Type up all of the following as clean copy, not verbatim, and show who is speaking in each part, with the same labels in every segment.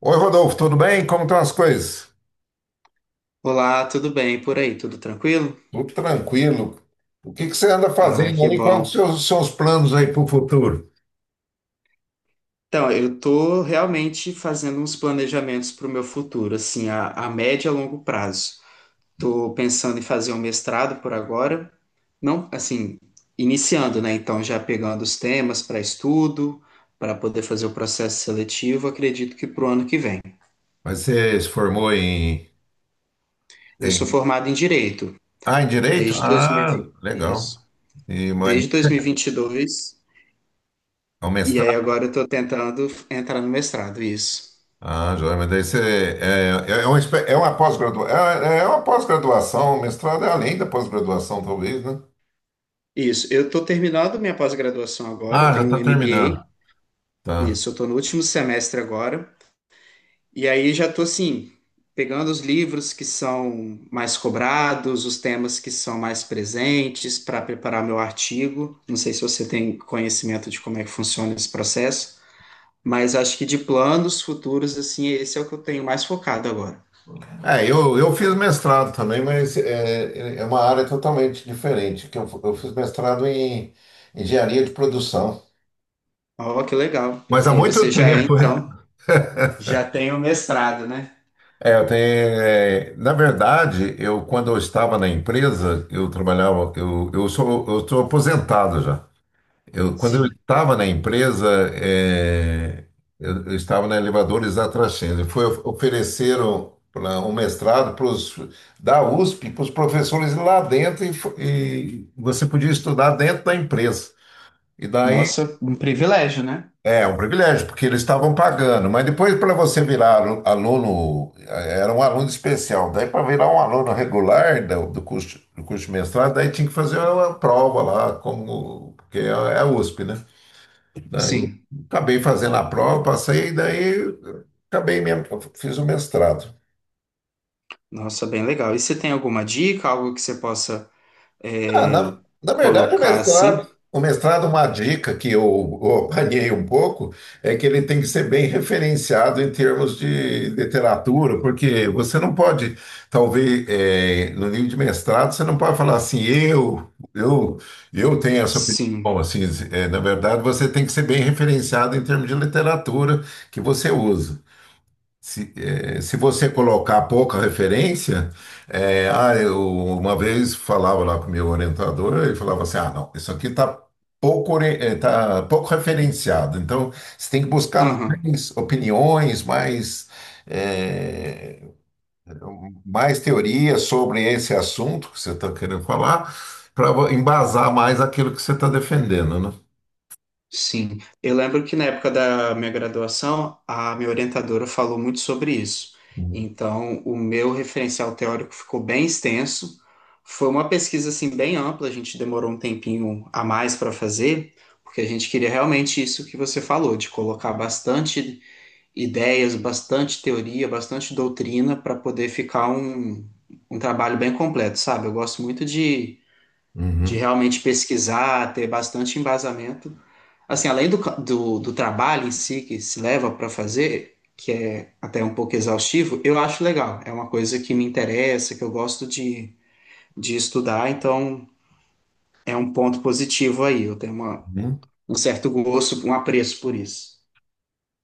Speaker 1: Oi, Rodolfo, tudo bem? Como estão as coisas?
Speaker 2: Olá, tudo bem por aí? Tudo tranquilo?
Speaker 1: Tudo tranquilo. O que você anda
Speaker 2: Ah,
Speaker 1: fazendo
Speaker 2: que
Speaker 1: aí? Quais os
Speaker 2: bom.
Speaker 1: seus, os seus planos aí para o futuro?
Speaker 2: Então, eu tô realmente fazendo uns planejamentos para o meu futuro, assim, a médio e a longo prazo. Tô pensando em fazer um mestrado por agora, não, assim, iniciando, né? Então, já pegando os temas para estudo, para poder fazer o processo seletivo, acredito que para o ano que vem.
Speaker 1: Mas você se formou em,
Speaker 2: Eu sou
Speaker 1: em-
Speaker 2: formado em Direito
Speaker 1: Ah, em Direito?
Speaker 2: desde
Speaker 1: Ah,
Speaker 2: 2020,
Speaker 1: legal.
Speaker 2: isso,
Speaker 1: Mas
Speaker 2: desde 2022, e vinte e dois,
Speaker 1: é um
Speaker 2: e aí
Speaker 1: mestrado?
Speaker 2: agora eu tô tentando entrar no mestrado, isso.
Speaker 1: Ah, joia, mas daí você... É, é é uma, espé- é uma pós-gradua- é, é é uma pós-graduação, o mestrado é além da pós-graduação, talvez, né?
Speaker 2: Isso, eu estou terminando minha pós-graduação agora, eu
Speaker 1: Ah, já
Speaker 2: tenho um
Speaker 1: está terminando.
Speaker 2: MBA,
Speaker 1: Tá.
Speaker 2: isso, eu estou no último semestre agora, e aí já estou assim, pegando os livros que são mais cobrados, os temas que são mais presentes para preparar meu artigo. Não sei se você tem conhecimento de como é que funciona esse processo, mas acho que de planos futuros, assim, esse é o que eu tenho mais focado agora.
Speaker 1: Eu fiz mestrado também, mas é uma área totalmente diferente, que eu fiz mestrado em engenharia de produção.
Speaker 2: Ó, que legal.
Speaker 1: Mas há
Speaker 2: E aí você
Speaker 1: muito
Speaker 2: já é,
Speaker 1: tempo, né?
Speaker 2: então, já tem o mestrado, né?
Speaker 1: Na verdade, eu quando eu estava na empresa, eu trabalhava, eu estou aposentado já. Eu, quando eu
Speaker 2: Sim.
Speaker 1: estava na empresa, eh, eu estava na Elevadores da Trascenda. Ofereceram um mestrado pros, da USP para os professores lá dentro e, e você podia estudar dentro da empresa. E daí
Speaker 2: Nossa, um privilégio, né?
Speaker 1: é um privilégio, porque eles estavam pagando. Mas depois, para você virar aluno, era um aluno especial. Daí, para virar um aluno regular do curso, do curso de mestrado, daí tinha que fazer uma prova lá, como, porque é a USP, né?
Speaker 2: Sim.
Speaker 1: Acabei fazendo a prova, passei, daí acabei mesmo, fiz o mestrado.
Speaker 2: Nossa, bem legal. E você tem alguma dica, algo que você possa
Speaker 1: Ah,
Speaker 2: é,
Speaker 1: na verdade, o
Speaker 2: colocar
Speaker 1: mestrado,
Speaker 2: assim?
Speaker 1: o mestrado, uma dica que eu apanhei um pouco, é que ele tem que ser bem referenciado em termos de literatura, porque você não pode, talvez, no nível de mestrado, você não pode falar assim, eu tenho essa opinião.
Speaker 2: Sim.
Speaker 1: Assim, na verdade, você tem que ser bem referenciado em termos de literatura que você usa. Se, se você colocar pouca referência, eu uma vez falava lá com o meu orientador, ele falava assim, ah, não, isso aqui está pouco, tá pouco referenciado, então você tem que buscar
Speaker 2: Aham,
Speaker 1: mais opiniões, mais, eh, mais teorias sobre esse assunto que você está querendo falar, para embasar mais aquilo que você está defendendo, né?
Speaker 2: sim. Eu lembro que na época da minha graduação, a minha orientadora falou muito sobre isso.
Speaker 1: Uhum.
Speaker 2: Então, o meu referencial teórico ficou bem extenso. Foi uma pesquisa assim bem ampla, a gente demorou um tempinho a mais para fazer, porque a gente queria realmente isso que você falou, de colocar bastante ideias, bastante teoria, bastante doutrina para poder ficar um trabalho bem completo, sabe? Eu gosto muito de realmente pesquisar, ter bastante embasamento. Assim, além do, do, do trabalho em si que se leva para fazer, que é até um pouco exaustivo, eu acho legal. É uma coisa que me interessa, que eu gosto de estudar, então é um ponto positivo aí. Eu tenho
Speaker 1: Uhum.
Speaker 2: um certo gosto, um apreço por isso.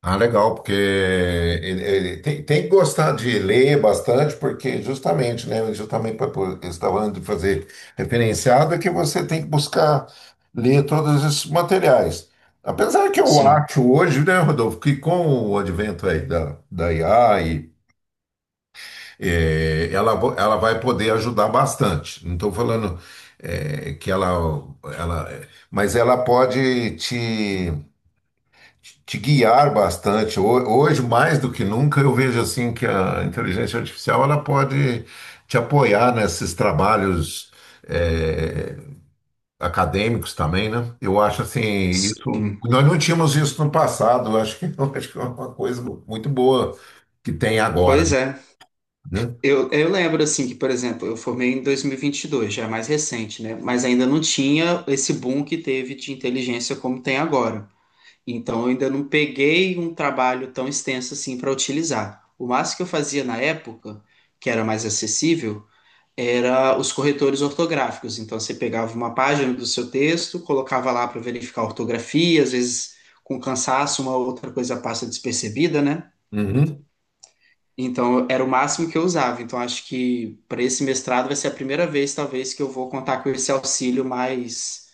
Speaker 1: Ah, legal, porque ele tem, tem que gostar de ler bastante, porque justamente, né? Justamente para eu estava falando de fazer referenciado, é que você tem que buscar ler todos esses materiais. Apesar que eu
Speaker 2: Sim,
Speaker 1: acho hoje, né, Rodolfo, que com o advento aí da IA, e, ela, ela vai poder ajudar bastante. Não estou falando que ela, ela. Mas ela pode te guiar bastante. Hoje, mais do que nunca, eu vejo assim que a inteligência artificial ela pode te apoiar nesses trabalhos eh, acadêmicos também, né? Eu acho assim, isso
Speaker 2: sim.
Speaker 1: nós não tínhamos isso no passado. Eu acho que, eu acho que é uma coisa muito boa que tem agora,
Speaker 2: Pois é.
Speaker 1: né?
Speaker 2: Eu lembro, assim, que, por exemplo, eu formei em 2022, já é mais recente, né? Mas ainda não tinha esse boom que teve de inteligência como tem agora. Então, eu ainda não peguei um trabalho tão extenso assim para utilizar. O máximo que eu fazia na época, que era mais acessível, era os corretores ortográficos. Então, você pegava uma página do seu texto, colocava lá para verificar a ortografia, às vezes, com cansaço, uma outra coisa passa despercebida, né?
Speaker 1: Uhum.
Speaker 2: Então, era o máximo que eu usava. Então, acho que para esse mestrado vai ser a primeira vez, talvez, que eu vou contar com esse auxílio mais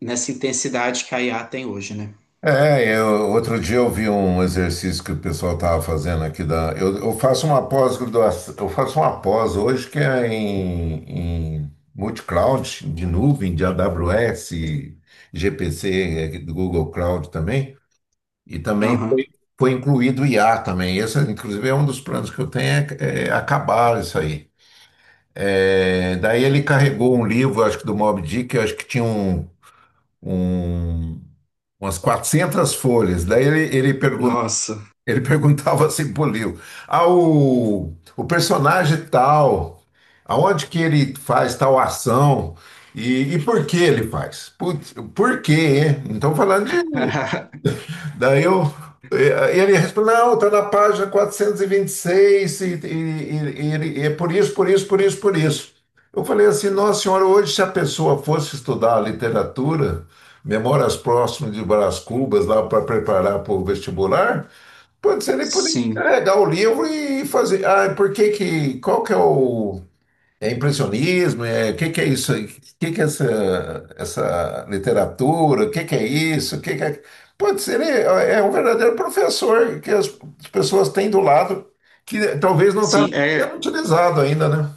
Speaker 2: nessa intensidade que a IA tem hoje, né?
Speaker 1: É, eu, outro dia eu vi um exercício que o pessoal estava fazendo aqui da. Eu faço uma pós-graduação, eu faço uma pós hoje que é em multi-cloud, de nuvem, de AWS, GPC, do Google Cloud também. E também
Speaker 2: Aham.
Speaker 1: foi incluído o IA também. Esse, inclusive, é um dos planos que eu tenho é, é acabar isso aí. É, daí ele carregou um livro, acho que do Moby Dick, eu acho que tinha um, um- umas 400 folhas. Daí ele perguntou
Speaker 2: Nossa.
Speaker 1: ele perguntava assim pro Leo, ah, o personagem tal, aonde que ele faz tal ação e por que ele faz? Putz, por quê? Hein? Não estão falando de... mim." Daí eu, ele respondeu: não, tá na página 426 e é por isso, por isso, por isso, por isso. Eu falei assim, nossa senhora, hoje se a pessoa fosse estudar literatura, Memórias Próximas de Brás Cubas, lá para preparar para o vestibular... Pode ser, ele poderia
Speaker 2: Sim.
Speaker 1: é, dar o livro e fazer. Ah, por que que. Qual que é o. É impressionismo? É, o que que é isso? Aí? O que que é essa, essa literatura? O que que é isso? O que que é... Pode ser, ele é um verdadeiro professor que as pessoas têm do lado, que talvez não está
Speaker 2: Sim,
Speaker 1: sendo
Speaker 2: é.
Speaker 1: utilizado ainda, né?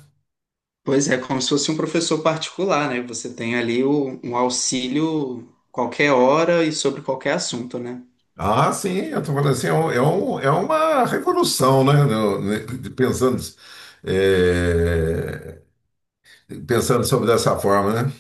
Speaker 2: Pois é, como se fosse um professor particular, né? Você tem ali um auxílio qualquer hora e sobre qualquer assunto, né?
Speaker 1: Ah, sim, eu estou falando assim, é uma revolução, né? Pensando, é, pensando sobre dessa forma, né?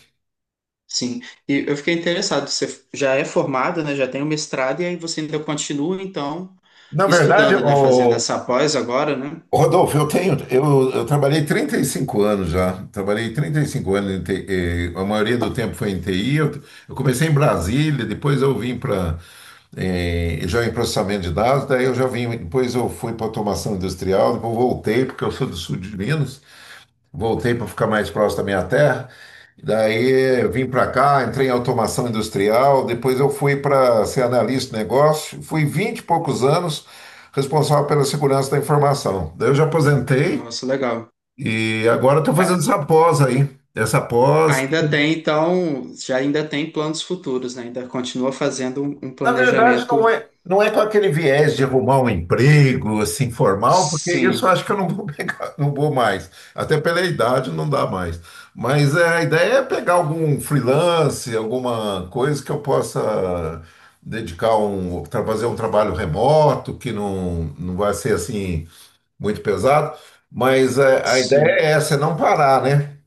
Speaker 2: Sim. E eu fiquei interessado, você já é formada, né? Já tem o mestrado e aí você ainda continua, então,
Speaker 1: Na verdade,
Speaker 2: estudando, né? Fazendo
Speaker 1: o
Speaker 2: essa pós agora, né?
Speaker 1: Rodolfo, eu tenho, eu trabalhei 35 anos já. Trabalhei 35 anos em TI, a maioria do tempo foi em TI. Eu comecei em Brasília, depois eu vim para já em processamento de dados, daí eu já vim, depois eu fui para automação industrial, depois voltei porque eu sou do sul de Minas. Voltei para ficar mais próximo da minha terra. Daí vim para cá, entrei em automação industrial, depois eu fui para ser analista de negócio, fui 20 e poucos anos responsável pela segurança da informação. Daí eu já aposentei
Speaker 2: Nossa, legal.
Speaker 1: e agora estou fazendo
Speaker 2: A-
Speaker 1: essa pós aí. Essa pós que
Speaker 2: Ainda tem, então, já ainda tem planos futuros, né? Ainda continua fazendo um
Speaker 1: na verdade, não
Speaker 2: planejamento.
Speaker 1: é, não é com aquele viés de arrumar um emprego, assim, formal, porque isso eu
Speaker 2: Sim,
Speaker 1: acho que eu não vou pegar, não vou mais. Até pela idade não dá mais. Mas é, a ideia é pegar algum freelance, alguma coisa que eu possa dedicar um, fazer um trabalho remoto, que não vai ser assim muito pesado. Mas é, a ideia
Speaker 2: sim.
Speaker 1: é essa, é não parar, né?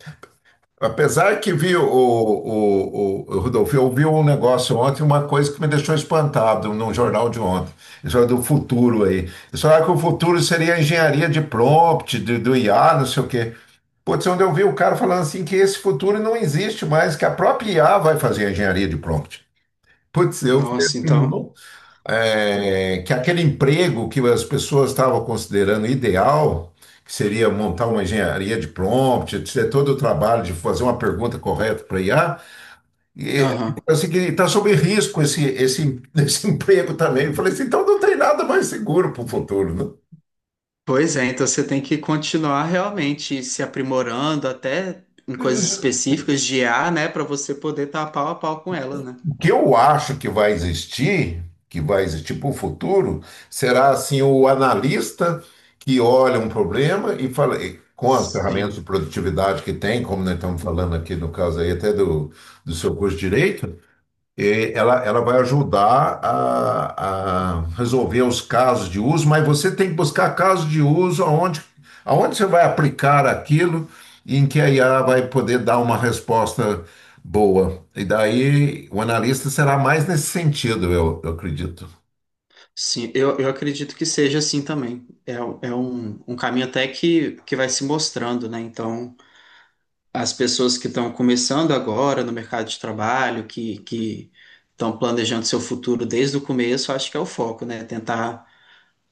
Speaker 1: Apesar que vi o Rodolfo, eu vi um negócio ontem, uma coisa que me deixou espantado num jornal de ontem. Isso é do futuro aí. Eles falaram que o futuro seria a engenharia de prompt, do IA, não sei o quê. Putz, onde eu vi o cara falando assim que esse futuro não existe mais, que a própria IA vai fazer a engenharia de prompt. Putz, eu falei
Speaker 2: Nossa,
Speaker 1: assim,
Speaker 2: então.
Speaker 1: é, que aquele emprego que as pessoas estavam considerando ideal, que seria montar uma engenharia de prompt, ter todo o trabalho de fazer uma pergunta correta para IA, e,
Speaker 2: Aham.
Speaker 1: assim, que está sob risco esse, esse emprego também. Eu falei assim, então não tem nada mais seguro para o futuro, né?
Speaker 2: Pois é, então você tem que continuar realmente se aprimorando até em coisas específicas de IA, né? Para você poder estar pau a pau com ela, né?
Speaker 1: O que eu acho que vai existir para o futuro, será assim o analista que olha um problema e fala, e com as ferramentas de
Speaker 2: Sim,
Speaker 1: produtividade que tem, como nós estamos falando aqui no caso aí até do, do seu curso de direito, e ela vai ajudar a resolver os casos de uso, mas você tem que buscar casos de uso aonde, aonde você vai aplicar aquilo e em que a IA vai poder dar uma resposta boa. E daí o analista será mais nesse sentido, eu acredito.
Speaker 2: sim, eu acredito que seja assim também. É, é um, um caminho até que vai se mostrando, né? Então, as pessoas que estão começando agora no mercado de trabalho, que estão planejando seu futuro desde o começo, acho que é o foco, né? Tentar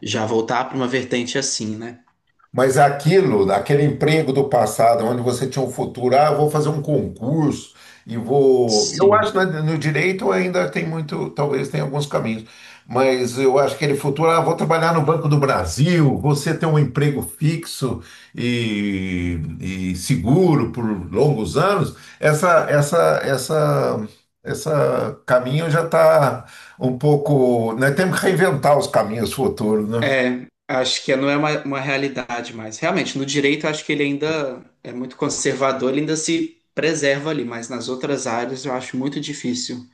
Speaker 2: já voltar para uma vertente assim, né?
Speaker 1: Mas aquilo, aquele emprego do passado, onde você tinha um futuro, ah, eu vou fazer um concurso e vou. Eu acho
Speaker 2: Sim.
Speaker 1: que no direito ainda tem muito, talvez tenha alguns caminhos, mas eu acho que aquele futuro, ah, vou trabalhar no Banco do Brasil, você ter um emprego fixo e seguro por longos anos, essa, essa caminho já está um pouco. Nós temos que reinventar os caminhos futuros, né?
Speaker 2: É, acho que não é uma realidade mais. Realmente, no direito, eu acho que ele ainda é muito conservador, ele ainda se preserva ali, mas nas outras áreas eu acho muito difícil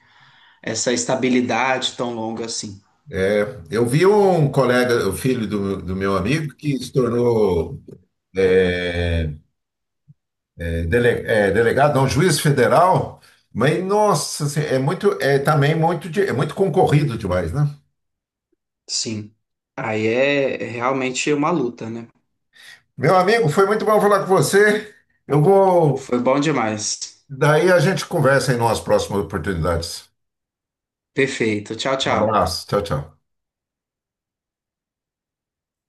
Speaker 2: essa estabilidade tão longa assim.
Speaker 1: Eu vi um colega, o filho do meu amigo, que se tornou é, é, delegado, não, juiz federal, mas nossa, assim, é muito, é também muito, é muito concorrido demais, né?
Speaker 2: Sim. Aí é realmente uma luta, né?
Speaker 1: Meu amigo, foi muito bom falar com você. Eu vou,
Speaker 2: Foi bom demais.
Speaker 1: daí a gente conversa em umas próximas oportunidades.
Speaker 2: Perfeito. Tchau,
Speaker 1: Um
Speaker 2: tchau.
Speaker 1: abraço, tchau, tchau.